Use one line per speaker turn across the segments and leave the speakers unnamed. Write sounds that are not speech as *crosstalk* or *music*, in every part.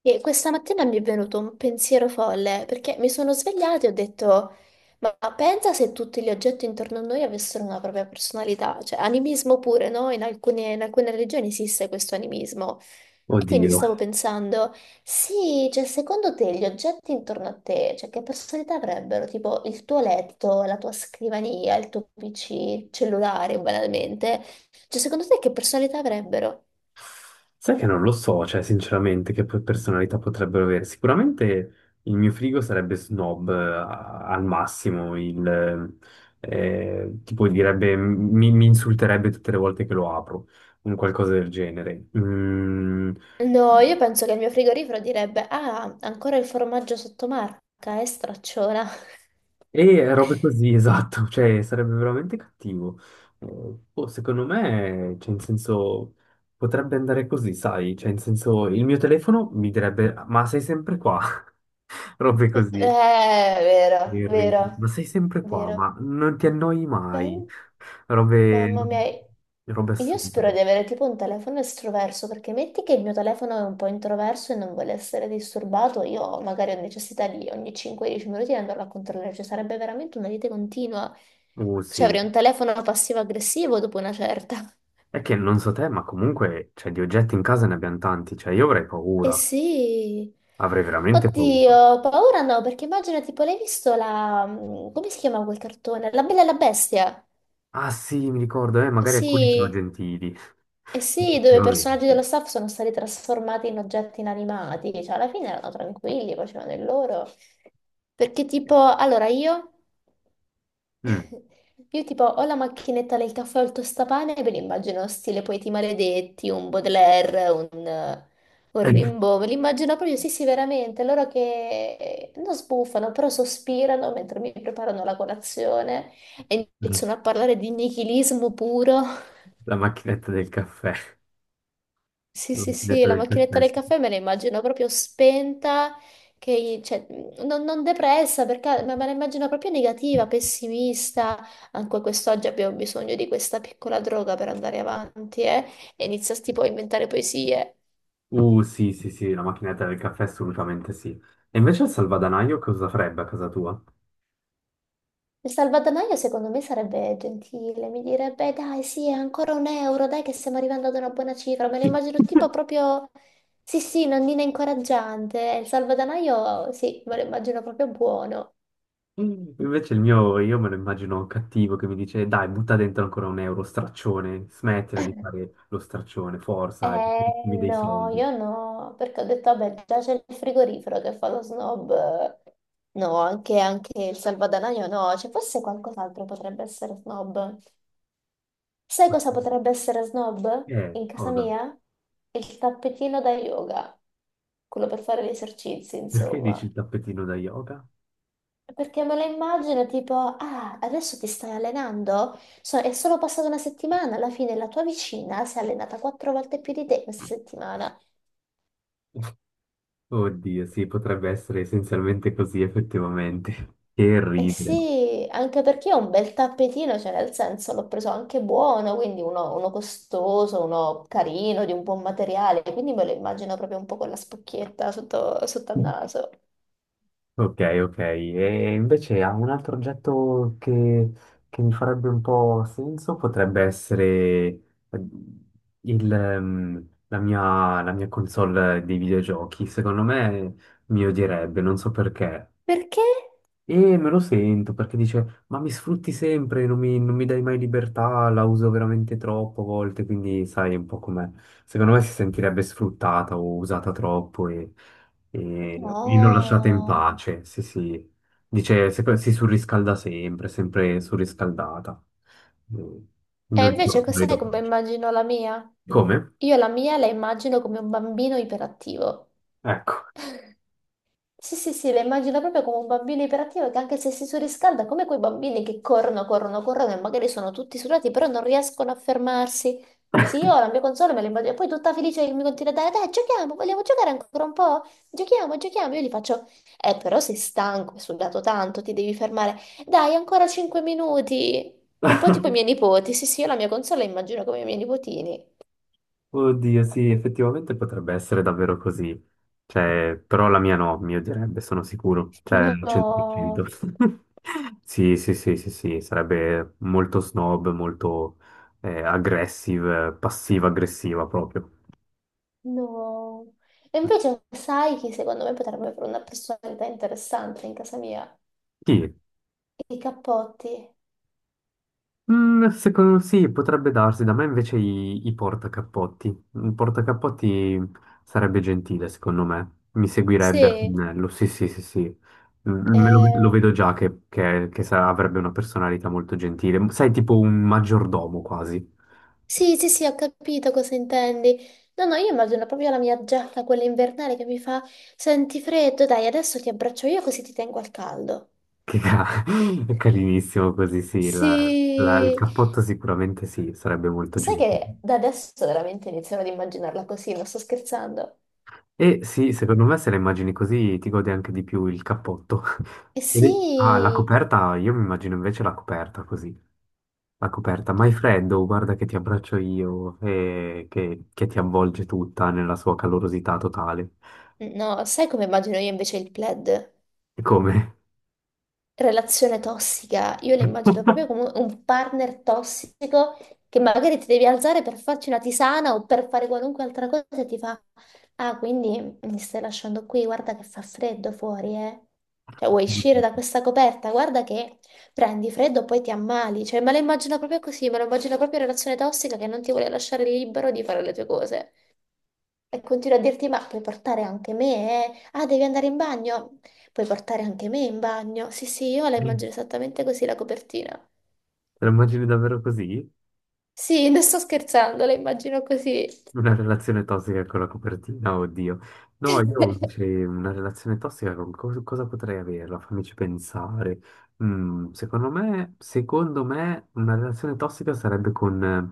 E questa mattina mi è venuto un pensiero folle perché mi sono svegliata e ho detto: Ma pensa se tutti gli oggetti intorno a noi avessero una propria personalità, cioè animismo pure, no? In alcune religioni esiste questo animismo. E quindi
Oddio,
stavo pensando: sì, cioè secondo te gli oggetti intorno a te, cioè che personalità avrebbero? Tipo il tuo letto, la tua scrivania, il tuo PC, il cellulare, banalmente. Cioè secondo te che personalità avrebbero?
sai che non lo so, cioè sinceramente che personalità potrebbero avere. Sicuramente il mio frigo sarebbe snob al massimo, tipo direbbe, mi insulterebbe tutte le volte che lo apro, un qualcosa del genere.
No, io penso che il mio frigorifero direbbe: Ah, ancora il formaggio sottomarca, stracciona. *laughs*
E robe così, *laughs* esatto, cioè sarebbe veramente cattivo. Eh, boh, secondo me, cioè in senso, potrebbe andare così, sai? Cioè in senso, il mio telefono mi direbbe, ma sei sempre qua? *laughs* Robe così,
Vero,
mi ride.
vero,
Ma sei sempre qua,
vero.
ma non ti annoi mai.
Pen-
Robe,
Mamma mia,
robe
io spero
assurde.
di avere tipo un telefono estroverso, perché metti che il mio telefono è un po' introverso e non vuole essere disturbato, io magari ho necessità di ogni 5-10 minuti di andarlo a controllare, cioè sarebbe veramente una lite continua. Cioè
Sì.
avrei un telefono passivo-aggressivo dopo una certa.
È che non so te, ma comunque, cioè, di oggetti in casa ne abbiamo tanti. Cioè, io avrei
Eh
paura.
sì.
Avrei veramente paura.
Oddio, paura no, perché immagino tipo l'hai visto la... come si chiama quel cartone? La Bella e la Bestia.
Ah, sì, mi ricordo,
Eh
magari alcuni sono
sì,
gentili.
eh
*laughs*
sì, dove i personaggi
Effettivamente.
dello staff sono stati trasformati in oggetti inanimati, cioè alla fine erano tranquilli, facevano il loro. Perché tipo, allora io
Mm.
*laughs* io tipo ho la macchinetta del caffè o il tostapane e ve li immagino stile Poeti Maledetti, un Baudelaire, un
*laughs*
Rimbaud, ve li immagino proprio, sì sì veramente, loro che non sbuffano, però sospirano mentre mi preparano la colazione e iniziano a parlare di nichilismo puro.
La macchinetta del caffè.
Sì,
La
sì, sì,
macchinetta
la
del
macchinetta
caffè. Sì.
del caffè me la immagino proprio spenta, che, cioè, non depressa, perché, ma me la immagino proprio negativa, pessimista. Anche quest'oggi abbiamo bisogno di questa piccola droga per andare avanti, eh? E inizia tipo a inventare poesie.
Sì, sì, sì, la macchinetta del caffè assolutamente sì. E invece il salvadanaio cosa farebbe a casa tua?
Il salvadanaio secondo me sarebbe gentile, mi direbbe dai, sì, ancora un euro, dai che stiamo arrivando ad una buona cifra. Me lo immagino tipo
*laughs*
proprio, sì, sì, nonnina incoraggiante. Il salvadanaio, sì, me lo immagino proprio buono.
Invece il mio, io me lo immagino cattivo che mi dice, dai, butta dentro ancora un euro, straccione, smettila di fare lo straccione, forza, e mi dei
No, io
soldi.
no, perché ho detto, vabbè, già c'è il frigorifero che fa lo snob. No, anche, anche il salvadanaio no, cioè forse qualcos'altro potrebbe essere snob. Sai
Ma
cosa potrebbe essere snob
che
in casa
cosa?
mia? Il tappetino da yoga, quello per fare gli esercizi,
Perché dici
insomma.
il tappetino da yoga?
Perché me lo immagino tipo, ah, adesso ti stai allenando? È solo passata una settimana, alla fine la tua vicina si è allenata quattro volte più di te questa settimana.
Oddio, sì, potrebbe essere essenzialmente così, effettivamente. *laughs* Che
Eh
ridere.
sì, anche perché è un bel tappetino, cioè nel senso l'ho preso anche buono, quindi uno, uno costoso, uno carino, di un buon materiale, quindi me lo immagino proprio un po' con la spocchietta sotto, sotto al naso.
Ok, ok. E invece ha un altro oggetto che mi farebbe un po' senso, potrebbe essere la mia console dei videogiochi. Secondo me mi odierebbe, non so perché.
Perché?
E me lo sento perché dice, ma mi sfrutti sempre, non mi dai mai libertà, la uso veramente troppo a volte, quindi sai un po' com'è. Secondo me si sentirebbe sfruttata o usata troppo e non lasciata in
No.
pace. Sì, sì. Dice, si surriscalda sempre, sempre surriscaldata. Mm.
E invece
Non gli
cos'è
do
come
pace.
immagino la mia?
Come?
Io la mia la immagino come un bambino iperattivo.
Ecco.
Sì, sì, sì, la immagino proprio come un bambino iperattivo che anche se si surriscalda, come quei bambini che corrono, corrono, corrono e magari sono tutti sudati, però non riescono a fermarsi. Sì, io la mia console me la immagino, e poi tutta felice che mi continua a dare, dai, giochiamo, vogliamo giocare ancora un po'? Giochiamo, giochiamo. Io gli faccio, però sei stanco, hai sudato tanto, ti devi fermare. Dai, ancora 5 minuti. Un po'
*laughs*
tipo i miei nipoti. Sì, sì, io la mia console la immagino come i miei nipotini.
Oddio, sì, effettivamente potrebbe essere davvero così. Cioè, però la mia no, mio direbbe, sono sicuro. Cioè, al 100%.
No,
*laughs* Sì, sì, sì, sì, sì, sarebbe molto snob, molto aggressive, passiva-aggressiva proprio.
no. E invece sai chi secondo me potrebbe avere una personalità interessante in casa mia?
Sì,
I cappotti.
mm, secondo, sì, potrebbe darsi, da me invece i portacappotti. Un portacappotti sarebbe gentile, secondo me. Mi seguirebbe a
Sì,
pennello, sì, sì, sì, sì. Mm, lo
eh,
vedo già che, avrebbe una personalità molto gentile. Sai, tipo un maggiordomo quasi.
sì, sì, sì, ho capito cosa intendi. No, no, io immagino proprio la mia giacca, quella invernale che mi fa, senti freddo, dai, adesso ti abbraccio io così ti tengo al caldo.
Che ca- *laughs* è carinissimo così, sì. Il
Sì,
cappotto sicuramente sì, sarebbe molto
sai
gentile.
che da adesso veramente iniziano ad immaginarla così, non sto scherzando.
E sì, secondo me se la immagini così ti godi anche di più il cappotto.
Eh
*laughs* Ed è- Ah, la
sì,
coperta, io mi immagino invece la coperta così. La coperta, ma è freddo, guarda che ti abbraccio io e che ti avvolge tutta nella sua calorosità totale.
no, sai come immagino io invece il plaid?
E come?
Relazione tossica. Io la immagino proprio
*laughs*
come un partner tossico che magari ti devi alzare per farci una tisana o per fare qualunque altra cosa e ti fa, ah, quindi mi stai lasciando qui, guarda che fa freddo fuori, eh. Cioè, vuoi uscire da questa coperta? Guarda che prendi freddo, poi ti ammali. Cioè, me la immagino proprio così, me la immagino proprio in relazione tossica che non ti vuole lasciare libero di fare le tue cose. E continuo a dirti, ma puoi portare anche me, eh? Ah, devi andare in bagno? Puoi portare anche me in bagno? Sì, sì, io la immagino esattamente così la copertina.
Te la immagini davvero così?
Sì, non sto scherzando, la immagino così.
Una relazione tossica con la copertina, oddio. No, io invece
*laughs*
una relazione tossica con cosa potrei averla? Fammici pensare. Mm, secondo me una relazione tossica sarebbe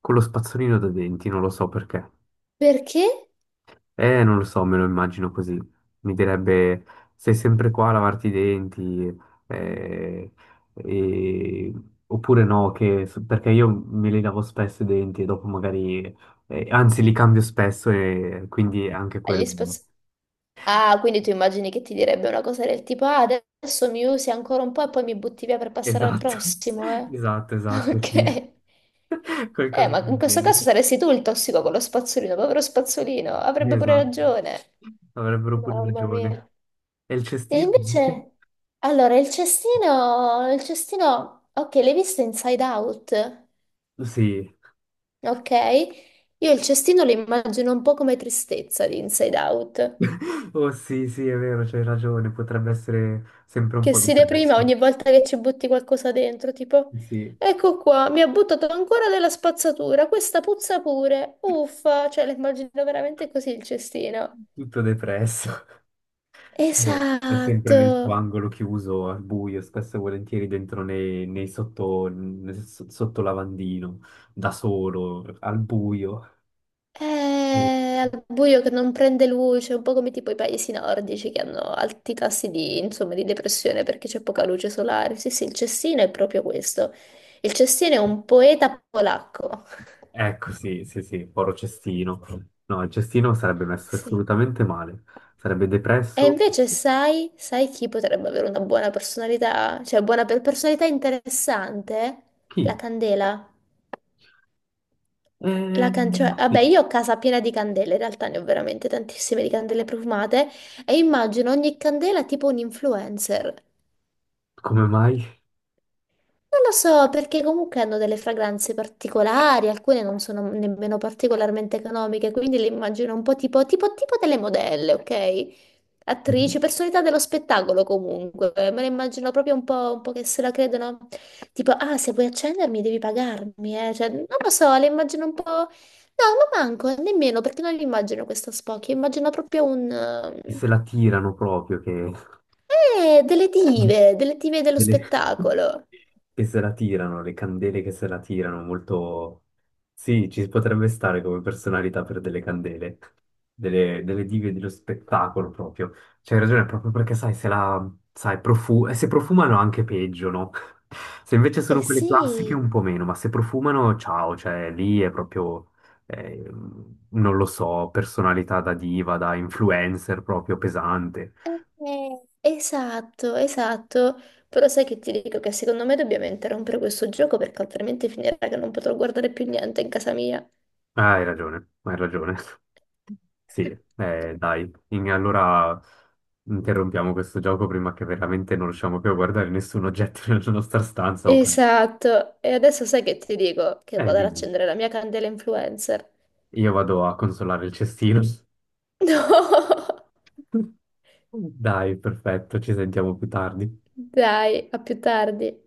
con lo spazzolino da denti, non lo so perché.
Perché?
Non lo so, me lo immagino così. Mi direbbe, sei sempre qua a lavarti i denti, eh, e- oppure no, che- perché io me li lavo spesso i denti e dopo magari, anzi li cambio spesso e quindi anche
Gli
quello.
spazi... Ah, quindi tu immagini che ti direbbe una cosa del tipo, ah, adesso mi usi ancora un po' e poi mi butti via per passare al
Esatto,
prossimo,
*laughs*
eh? *laughs*
esatto, sì.
Ok.
*laughs* Qualcosa
Ma in
del
questo
genere.
caso saresti tu il tossico con lo spazzolino, povero spazzolino, avrebbe pure
Esatto,
ragione.
avrebbero pure
Mamma
ragione.
mia.
E il
E
cestino invece?
invece, allora, il cestino, ok, l'hai visto Inside Out,
Sì,
ok? Io il cestino lo immagino un po' come tristezza di Inside Out,
*laughs* oh sì, sì, è vero, c'hai ragione, potrebbe essere sempre un
che
po'
si deprime
depresso.
ogni volta che ci butti qualcosa dentro, tipo,
Sì,
ecco qua, mi ha buttato ancora della spazzatura, questa puzza pure, uffa, cioè lo immagino veramente così il cestino.
tutto depresso. È sempre
Esatto.
nel tuo angolo chiuso, al buio, spesso e volentieri dentro nei nel sotto lavandino, da solo, al buio.
È al buio che non prende luce, un po' come tipo i paesi nordici che hanno alti tassi di, insomma, di depressione perché c'è poca luce solare. Sì, sì, il Cestino è proprio questo. Il Cestino è un poeta polacco. *laughs*
Ecco, sì, sì, sì, povero cestino. No, il cestino sarebbe messo
Sì.
assolutamente male, sarebbe
E
depresso.
invece sai, sai chi potrebbe avere una buona personalità, cioè buona personalità interessante? La
Chi?
candela.
Eh,
Cioè,
sì.
vabbè, io ho casa piena di candele, in realtà ne ho veramente tantissime di candele profumate e immagino ogni candela tipo un influencer.
Come mai?
Non lo so, perché comunque hanno delle fragranze particolari, alcune non sono nemmeno particolarmente economiche, quindi le immagino un po' tipo, tipo, delle modelle, ok? Attrici, personalità dello spettacolo comunque, me le immagino proprio un po' che se la credono, tipo, ah, se vuoi accendermi devi pagarmi, eh? Cioè, non lo so, le immagino un po'... No, ma manco, nemmeno, perché non le immagino questo spocchio, immagino proprio un...
Che se la tirano proprio,
delle dive dello
delle- *laughs*
spettacolo.
che se la tirano, le candele che se la tirano, molto... Sì, ci potrebbe stare come personalità per delle candele, delle dive dello spettacolo proprio. C'hai ragione, proprio perché sai, se la... sai, profu- se profumano anche peggio, no? *laughs* Se invece
Eh
sono quelle classiche
sì...
un po' meno, ma se profumano, ciao, cioè lì è proprio... eh, non lo so, personalità da diva, da influencer proprio pesante.
Esatto, esatto. Però sai che ti dico che secondo me dobbiamo interrompere questo gioco perché altrimenti finirà che non potrò guardare più niente in casa mia.
Ah, hai ragione, hai ragione. *laughs* Sì, dai, in- allora interrompiamo questo gioco prima che veramente non riusciamo più a guardare nessun oggetto *laughs* nella nostra stanza. O-
Esatto. E adesso sai che ti dico che
eh,
vado ad
dimmi,
accendere la mia candela influencer.
io vado a consolare il cestino. *laughs*
*laughs* No!
Dai, perfetto, ci sentiamo più tardi.
Dai, a più tardi.